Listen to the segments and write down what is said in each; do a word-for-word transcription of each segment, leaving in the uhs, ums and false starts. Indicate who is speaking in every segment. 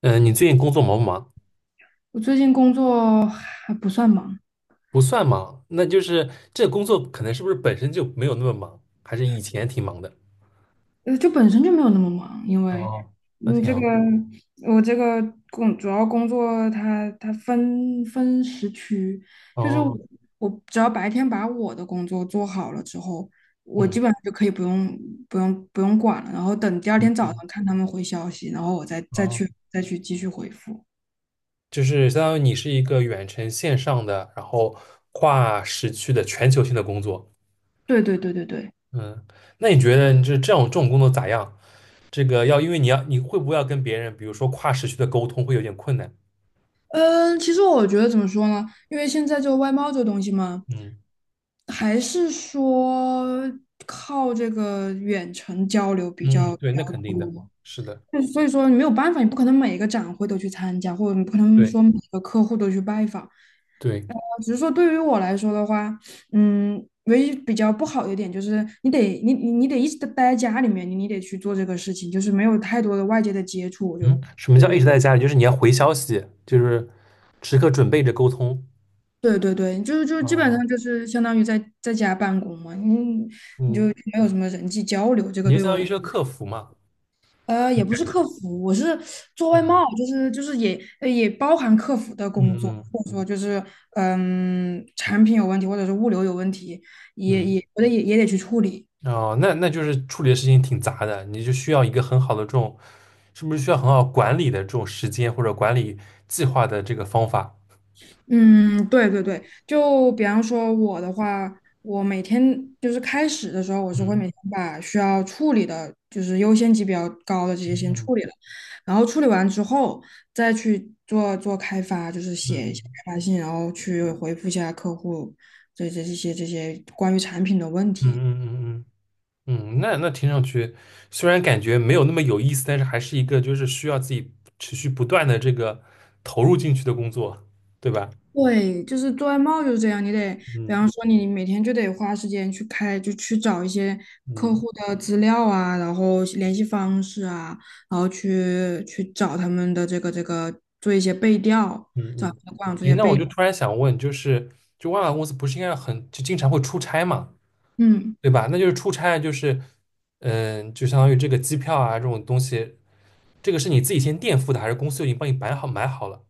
Speaker 1: 嗯，呃你最近工作忙不忙？
Speaker 2: 我最近工作还不算忙，
Speaker 1: 不算忙，那就是这工作可能是不是本身就没有那么忙，还是以前挺忙的？
Speaker 2: 呃，就本身就没有那么忙。因为
Speaker 1: 哦，那
Speaker 2: 你
Speaker 1: 挺
Speaker 2: 这个
Speaker 1: 好。
Speaker 2: 我这个工主要工作它它分分时区，就是我
Speaker 1: 哦，
Speaker 2: 我只要白天把我的工作做好了之后，我基
Speaker 1: 嗯
Speaker 2: 本上就可以不用不用不用管了，然后等第二天早
Speaker 1: 嗯，
Speaker 2: 上看他们回消息，然后我再再
Speaker 1: 哦，
Speaker 2: 去再去继续回复。
Speaker 1: 就是相当于你是一个远程线上的，然后跨时区的全球性的工作。
Speaker 2: 对对对对对。
Speaker 1: 嗯，那你觉得你这这种这种工作咋样？这个要因为你要你会不会要跟别人，比如说跨时区的沟通会有点困难？
Speaker 2: 嗯，其实我觉得怎么说呢？因为现在这个外贸这个东西嘛，
Speaker 1: 嗯
Speaker 2: 还是说靠这个远程交流比
Speaker 1: 嗯，
Speaker 2: 较比
Speaker 1: 对，那
Speaker 2: 较
Speaker 1: 肯定的，
Speaker 2: 多。
Speaker 1: 是的，
Speaker 2: 就所以说你没有办法，你不可能每一个展会都去参加，或者你不可能
Speaker 1: 对
Speaker 2: 说每个客户都去拜访。呃
Speaker 1: 对。
Speaker 2: 只是说对于我来说的话，嗯，唯一比较不好的一点就是你得你你你得一直地待在家里面，你你得去做这个事情，就是没有太多的外界的接触，我就。
Speaker 1: 嗯，什么叫一直在家里？就是你要回消息，就是时刻准备着沟通。
Speaker 2: 对对对，就是就基本
Speaker 1: 哦，
Speaker 2: 上就是相当于在在家办公嘛，你你就
Speaker 1: 嗯，
Speaker 2: 没有什么人际交流，这
Speaker 1: 你
Speaker 2: 个
Speaker 1: 就
Speaker 2: 对
Speaker 1: 相
Speaker 2: 我
Speaker 1: 当
Speaker 2: 来
Speaker 1: 于是个
Speaker 2: 说
Speaker 1: 客服嘛。
Speaker 2: 呃，也不是客服，我是做外
Speaker 1: 嗯
Speaker 2: 贸，就是就是也呃也包含客服的工
Speaker 1: 嗯
Speaker 2: 作，
Speaker 1: 嗯
Speaker 2: 或者说就是嗯产品有问题，或者是物流有问题，也
Speaker 1: 嗯。
Speaker 2: 也我得也也得去处理。
Speaker 1: 哦，那那就是处理的事情挺杂的，你就需要一个很好的这种，是不是需要很好管理的这种时间或者管理计划的这个方法？
Speaker 2: 嗯，对对对，就比方说我的话，我每天就是开始的时候，我是会每
Speaker 1: 嗯
Speaker 2: 天把需要处理的，就是优先级比较高的这些
Speaker 1: 嗯
Speaker 2: 先
Speaker 1: 嗯
Speaker 2: 处理了，然后处理完之后再去做做开发，就是写一些
Speaker 1: 嗯
Speaker 2: 开发信，然后去回复一下客户这这这些这些关于产品的问
Speaker 1: 嗯
Speaker 2: 题。
Speaker 1: 嗯嗯嗯。嗯嗯嗯，那那听上去虽然感觉没有那么有意思，但是还是一个就是需要自己持续不断的这个投入进去的工作，对吧？
Speaker 2: 对，就是做外贸就是这样，你得，比
Speaker 1: 嗯
Speaker 2: 方说你每天就得花时间去开，就去找一些客
Speaker 1: 嗯
Speaker 2: 户的资料啊，然后联系方式啊，然后去去找他们的这个这个做一些背调，
Speaker 1: 嗯
Speaker 2: 找他
Speaker 1: 嗯。
Speaker 2: 们的官网做一
Speaker 1: 诶，
Speaker 2: 些
Speaker 1: 那我
Speaker 2: 背，
Speaker 1: 就突然想问，就是就外贸公司不是应该很就经常会出差嘛，
Speaker 2: 嗯，
Speaker 1: 对吧？那就是出差就是嗯、就相当于这个机票啊这种东西，这个是你自己先垫付的，还是公司就已经帮你摆好买好了？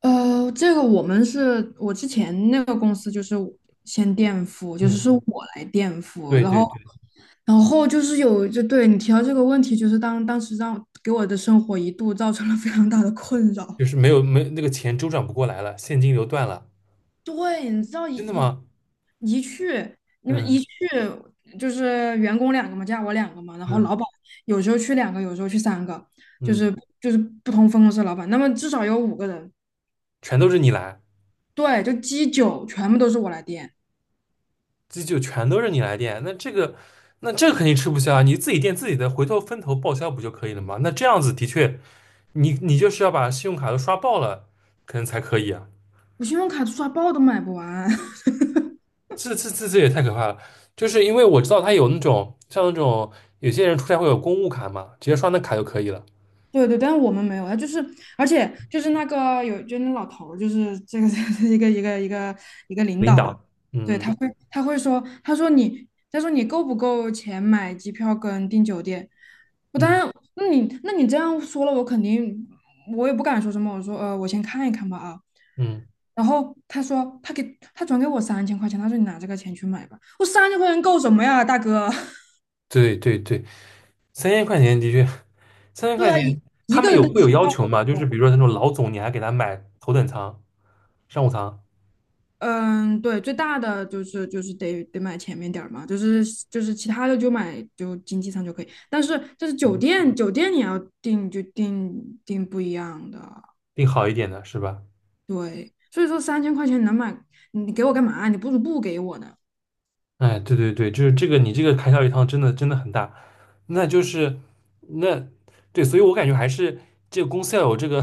Speaker 2: 呃，这个我们是我之前那个公司就是先垫付，就是是我
Speaker 1: 嗯，
Speaker 2: 来垫付，
Speaker 1: 对
Speaker 2: 然后
Speaker 1: 对对，
Speaker 2: 然后就是有就对你提到这个问题，就是当当时让给我的生活一度造成了非常大的困扰。
Speaker 1: 就是没有没那个钱周转不过来了，现金流断了，
Speaker 2: 对，你知道一
Speaker 1: 真的
Speaker 2: 一
Speaker 1: 吗？
Speaker 2: 一去，你们一
Speaker 1: 嗯。
Speaker 2: 去就是员工两个嘛，加我两个嘛，然后
Speaker 1: 嗯
Speaker 2: 老板有时候去两个，有时候去三个，就
Speaker 1: 嗯，
Speaker 2: 是就是不同分公司的老板，那么至少有五个人。
Speaker 1: 全都是你来，
Speaker 2: 对，就鸡酒全部都是我来垫，
Speaker 1: 这就全都是你来垫，那这个那这个肯定吃不消啊，你自己垫自己的，回头分头报销不就可以了吗？那这样子的确，你你就是要把信用卡都刷爆了，可能才可以啊，
Speaker 2: 我信用卡刷爆都买不完。
Speaker 1: 这这这这也太可怕了，就是因为我知道他有那种像那种有些人出差会有公务卡嘛，直接刷那卡就可以了，
Speaker 2: 对对，但是我们没有啊，他就是，而且就是那个有，就那老头儿就是这个 一个一个一个一个领
Speaker 1: 领
Speaker 2: 导吧，
Speaker 1: 导，
Speaker 2: 对，
Speaker 1: 嗯
Speaker 2: 他会他会说，他说你，他说你够不够钱买机票跟订酒店？我
Speaker 1: 嗯
Speaker 2: 当
Speaker 1: 嗯，
Speaker 2: 然，那你那你这样说了，我肯定我也不敢说什么，我说呃，我先看一看吧啊。
Speaker 1: 嗯，
Speaker 2: 然后他说他给他转给我三千块钱，他说你拿这个钱去买吧。我三千块钱够什么呀，大哥？
Speaker 1: 对对对，三千块钱的确，三 千
Speaker 2: 对
Speaker 1: 块
Speaker 2: 啊，
Speaker 1: 钱
Speaker 2: 一
Speaker 1: 他
Speaker 2: 一个
Speaker 1: 们
Speaker 2: 人
Speaker 1: 有
Speaker 2: 的
Speaker 1: 会有
Speaker 2: 机
Speaker 1: 要
Speaker 2: 票。
Speaker 1: 求嘛？就是比如说那种老总，你还给他买头等舱。商务舱
Speaker 2: 嗯，对，最大的就是就是得得买前面点儿嘛，就是就是其他的就买就经济舱就可以，但是就是酒店酒店你要订就订订不一样的，
Speaker 1: 订好一点的是吧？
Speaker 2: 对，所以说三千块钱能买，你给我干嘛？你不如不给我呢。
Speaker 1: 哎，对对对，就是这个，你这个开销一趟真的真的很大，那就是那对，所以我感觉还是这个公司要有这个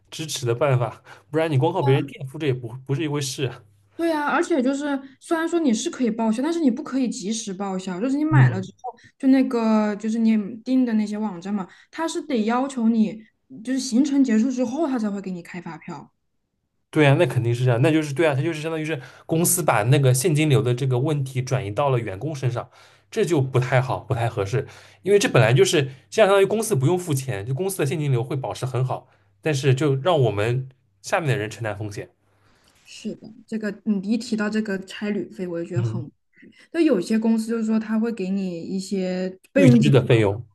Speaker 1: 支持的办法，不然你光靠别人垫付这也不不是一回事。
Speaker 2: 对呀，而且就是虽然说你是可以报销，但是你不可以及时报销，就是你买了
Speaker 1: 嗯。
Speaker 2: 之后，就那个就是你订的那些网站嘛，它是得要求你就是行程结束之后，它才会给你开发票。
Speaker 1: 对啊，那肯定是这样，那就是对啊，它就是相当于是公司把那个现金流的这个问题转移到了员工身上，这就不太好，不太合适，因为这本来就是这样，相当于公司不用付钱，就公司的现金流会保持很好，但是就让我们下面的人承担风险，
Speaker 2: 是的，这个你一提到这个差旅费，我就觉得
Speaker 1: 嗯，
Speaker 2: 很，就有些公司就是说他会给你一些备
Speaker 1: 预
Speaker 2: 用
Speaker 1: 支
Speaker 2: 金
Speaker 1: 的
Speaker 2: 嘛，
Speaker 1: 费用。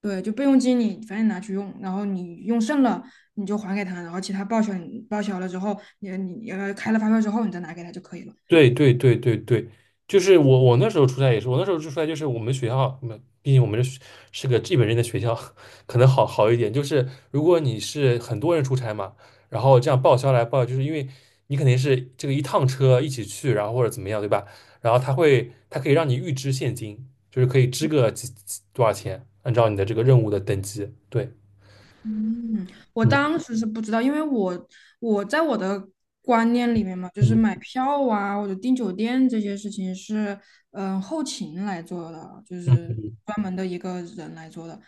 Speaker 2: 对，就备用金你反正拿去用，然后你用剩了你就还给他，然后其他报销你报销了之后，你你要开了发票之后你再拿给他就可以了。
Speaker 1: 对对对对对，就是我我那时候出差也是，我那时候出差就是我们学校，嗯毕竟我们是是个日本人的学校，可能好好一点。就是如果你是很多人出差嘛，然后这样报销来报销就是因为你肯定是这个一趟车一起去，然后或者怎么样，对吧？然后他会他可以让你预支现金，就是可以支个几几多少钱，按照你的这个任务的等级。对，
Speaker 2: 嗯，我
Speaker 1: 嗯
Speaker 2: 当时是不知道，因为我我在我的观念里面嘛，就是
Speaker 1: 嗯
Speaker 2: 买票啊，或者订酒店这些事情是，嗯，后勤来做的，就
Speaker 1: 嗯
Speaker 2: 是专门的一个人来做的。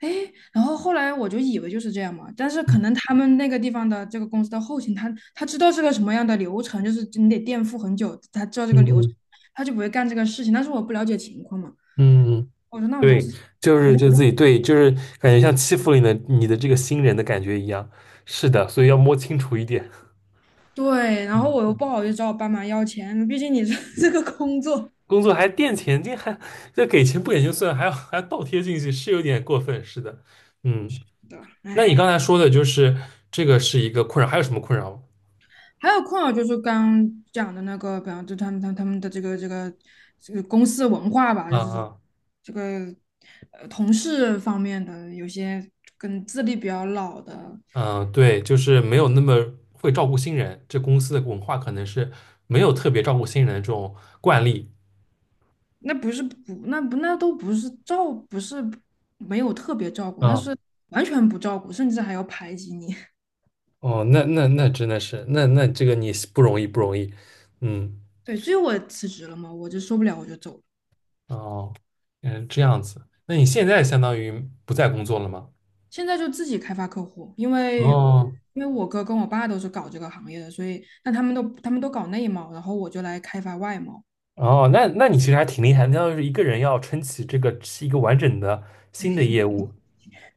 Speaker 2: 哎，然后后来我就以为就是这样嘛，但是可能他们那个地方的这个公司的后勤，他他知道是个什么样的流程，就是你得垫付很久，他知道这个流程，
Speaker 1: 嗯
Speaker 2: 他就不会干这个事情。但是我不了解情况嘛，
Speaker 1: 嗯嗯。
Speaker 2: 我说那我就
Speaker 1: 对，
Speaker 2: 自己
Speaker 1: 就
Speaker 2: 搞。还
Speaker 1: 是就自己对，就是感觉像欺负了你的你的这个新人的感觉一样。是的，所以要摸清楚一点。
Speaker 2: 对，然后
Speaker 1: 嗯，
Speaker 2: 我又不好意思找我爸妈要钱，毕竟你这 这个工作
Speaker 1: 工作还垫钱，这还这给钱不给就算，还要还要倒贴进去，是有点过分。是的，嗯，
Speaker 2: 的，
Speaker 1: 那你刚
Speaker 2: 唉。
Speaker 1: 才说的就是这个是一个困扰，还有什么困扰吗？
Speaker 2: 还有困扰就是刚刚讲的那个，比方就他们他们他们的这个这个这个公司文化吧，
Speaker 1: 啊
Speaker 2: 就是
Speaker 1: 啊
Speaker 2: 这个呃同事方面的有些跟资历比较老的，
Speaker 1: 嗯，对，就是没有那么会照顾新人，这公司的文化可能是没有特别照顾新人的这种惯例。
Speaker 2: 那不是不那不那都不是照不是没有特别照顾，那是完全不照顾，甚至还要排挤你。
Speaker 1: 哦，那那那真的是，那那这个你是不容易不容易，嗯，
Speaker 2: 对，所以我辞职了嘛，我就受不了，我就走了。
Speaker 1: 哦，嗯，这样子，那你现在相当于不再工作了吗？
Speaker 2: 现在就自己开发客户，因为
Speaker 1: 哦，
Speaker 2: 因为我哥跟我爸都是搞这个行业的，所以那他们都他们都搞内贸，然后我就来开发外贸。
Speaker 1: 哦，那那你其实还挺厉害的，相当于是一个人要撑起这个是一个完整的新的业务。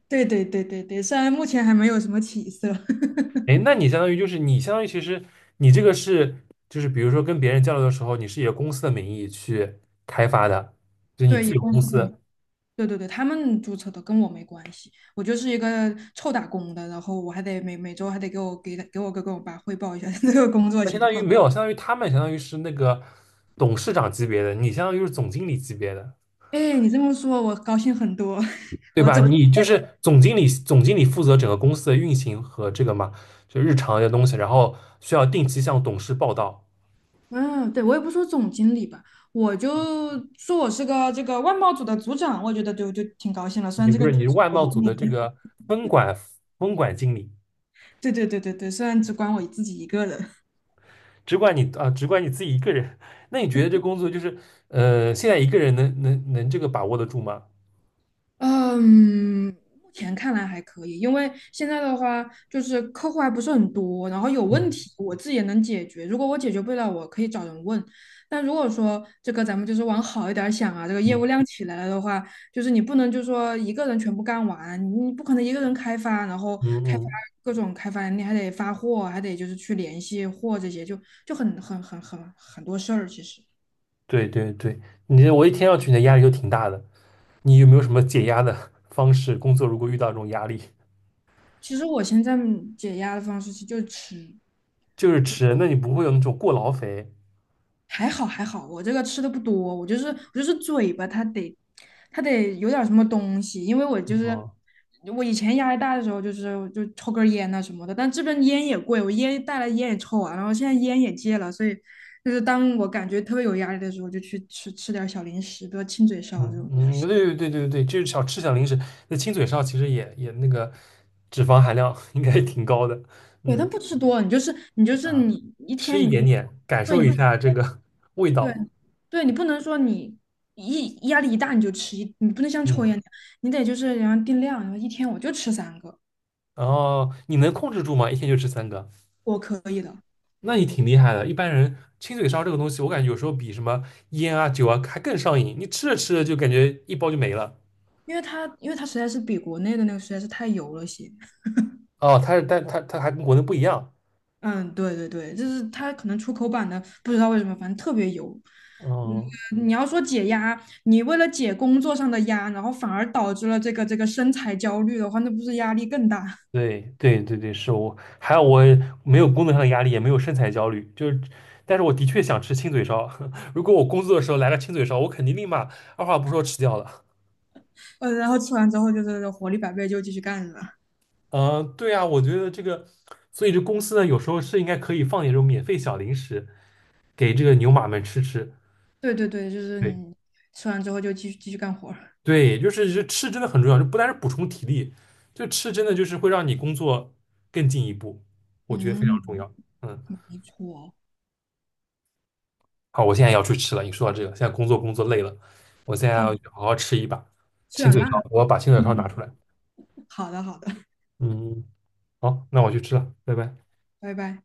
Speaker 2: 对对对对对，虽然目前还没有什么起色。
Speaker 1: 哎，那你相当于就是你相当于其实你这个是就是比如说跟别人交流的时候，你是以公司的名义去开发的，就你
Speaker 2: 对，
Speaker 1: 自
Speaker 2: 以
Speaker 1: 己有
Speaker 2: 公
Speaker 1: 公
Speaker 2: 司的，
Speaker 1: 司，
Speaker 2: 对对对，他们注册的跟我没关系，我就是一个臭打工的，然后我还得每每周还得给我给他给我哥跟我爸汇报一下 这个工作
Speaker 1: 那相
Speaker 2: 情
Speaker 1: 当于
Speaker 2: 况。
Speaker 1: 没有，相当于他们相当于是那个董事长级别的，你相当于是总经理级别的。
Speaker 2: 哎，你这么说，我高兴很多。
Speaker 1: 对
Speaker 2: 我
Speaker 1: 吧？
Speaker 2: 这
Speaker 1: 你就是总经理，总经理负责整个公司的运行和这个嘛，就日常的东西，然后需要定期向董事报道。
Speaker 2: 嗯，对，我也不说总经理吧，我就说我是个这个外贸组的组长，我觉得就就挺高兴了。虽
Speaker 1: 你
Speaker 2: 然这
Speaker 1: 不
Speaker 2: 个
Speaker 1: 是，
Speaker 2: 组
Speaker 1: 你是
Speaker 2: 是
Speaker 1: 外
Speaker 2: 我
Speaker 1: 贸组
Speaker 2: 一
Speaker 1: 的这
Speaker 2: 个人，
Speaker 1: 个分管分管经理，
Speaker 2: 对对对对对，虽然只管我自己一个人。
Speaker 1: 只管你啊，只管你自己一个人。那你觉得这工作就是呃，现在一个人能能能这个把握得住吗？
Speaker 2: 嗯，目前看来还可以，因为现在的话就是客户还不是很多，然后有问
Speaker 1: 嗯
Speaker 2: 题我自己也能解决。如果我解决不了，我可以找人问。但如果说这个咱们就是往好一点儿想啊，这个业务
Speaker 1: 嗯
Speaker 2: 量起来了的话，就是你不能就说一个人全部干完，你不可能一个人开发，然后
Speaker 1: 嗯
Speaker 2: 开发
Speaker 1: 嗯，
Speaker 2: 各种开发，你还得发货，还得就是去联系货这些，就就很很很很很多事儿。其实，
Speaker 1: 对对对，你我一听上去你的压力就挺大的。你有没有什么解压的方式？工作如果遇到这种压力，
Speaker 2: 其实我现在解压的方式其实就是吃。
Speaker 1: 就是吃，那你不会有那种过劳肥？
Speaker 2: 还好还好，我这个吃的不多，我就是我就是嘴巴它得它得有点儿什么东西，因为我就是
Speaker 1: 啊？
Speaker 2: 我以前压力大的时候就是就抽根儿烟呐、什么的，但这边烟也贵，我烟带来烟也抽完了然后现在烟也戒了，所以就是当我感觉特别有压力的时候，就去吃吃点儿小零食，比如亲嘴烧这
Speaker 1: 嗯
Speaker 2: 种。
Speaker 1: 嗯，对对对对对，就是小吃小零食，那亲嘴烧其实也也那个脂肪含量 应该挺高的，
Speaker 2: 对，但
Speaker 1: 嗯，
Speaker 2: 不吃多，你就是你就是你一
Speaker 1: 吃
Speaker 2: 天
Speaker 1: 一
Speaker 2: 你就
Speaker 1: 点点，感
Speaker 2: 对
Speaker 1: 受一
Speaker 2: 你
Speaker 1: 下这个 味
Speaker 2: 对
Speaker 1: 道，
Speaker 2: 对你不能说你一压力一大你就吃一，你不能像抽烟
Speaker 1: 嗯，
Speaker 2: 那样，你得就是然后定量，然后一天我就吃三个，
Speaker 1: 然后你能控制住吗？一天就吃三个，
Speaker 2: 我可以的，
Speaker 1: 那你挺厉害的。一般人亲嘴烧这个东西，我感觉有时候比什么烟啊酒啊还更上瘾，你吃着吃着就感觉一包就没了。
Speaker 2: 因为它因为它实在是比国内的那个实在是太油了些。
Speaker 1: 哦，它是但它它还跟国内不一样，
Speaker 2: 嗯，对对对，就是它可能出口版的不知道为什么，反正特别油。嗯，
Speaker 1: 哦
Speaker 2: 你要说解压，你为了解工作上的压，然后反而导致了这个这个身材焦虑的话，那不是压力更大？
Speaker 1: 对对对对，是我，还有我没有工作上的压力，也没有身材焦虑，就是，但是我的确想吃亲嘴烧。如果我工作的时候来个亲嘴烧，我肯定立马二话不说吃掉了。
Speaker 2: 呃，然后吃完之后就是活力百倍，就继续干了。
Speaker 1: 嗯、对啊，我觉得这个，所以这公司呢，有时候是应该可以放点这种免费小零食给这个牛马们吃吃。
Speaker 2: 对对对，就是
Speaker 1: 对
Speaker 2: 你吃完之后就继续继续干活儿
Speaker 1: 对，就是这吃真的很重要，就不单是补充体力，就吃真的就是会让你工作更进一步，我觉得非常
Speaker 2: 嗯，
Speaker 1: 重要。嗯。
Speaker 2: 没错，
Speaker 1: 好，我现在要去吃了。你说到这个，现在工作工作累了，我现在要
Speaker 2: 好，
Speaker 1: 去好好吃一把
Speaker 2: 吃
Speaker 1: 清
Speaker 2: 点
Speaker 1: 嘴烧。
Speaker 2: 辣。
Speaker 1: 我要把清嘴烧拿
Speaker 2: 嗯，
Speaker 1: 出来。
Speaker 2: 好的，好的，
Speaker 1: 嗯，好，那我去吃了，拜拜。
Speaker 2: 拜拜。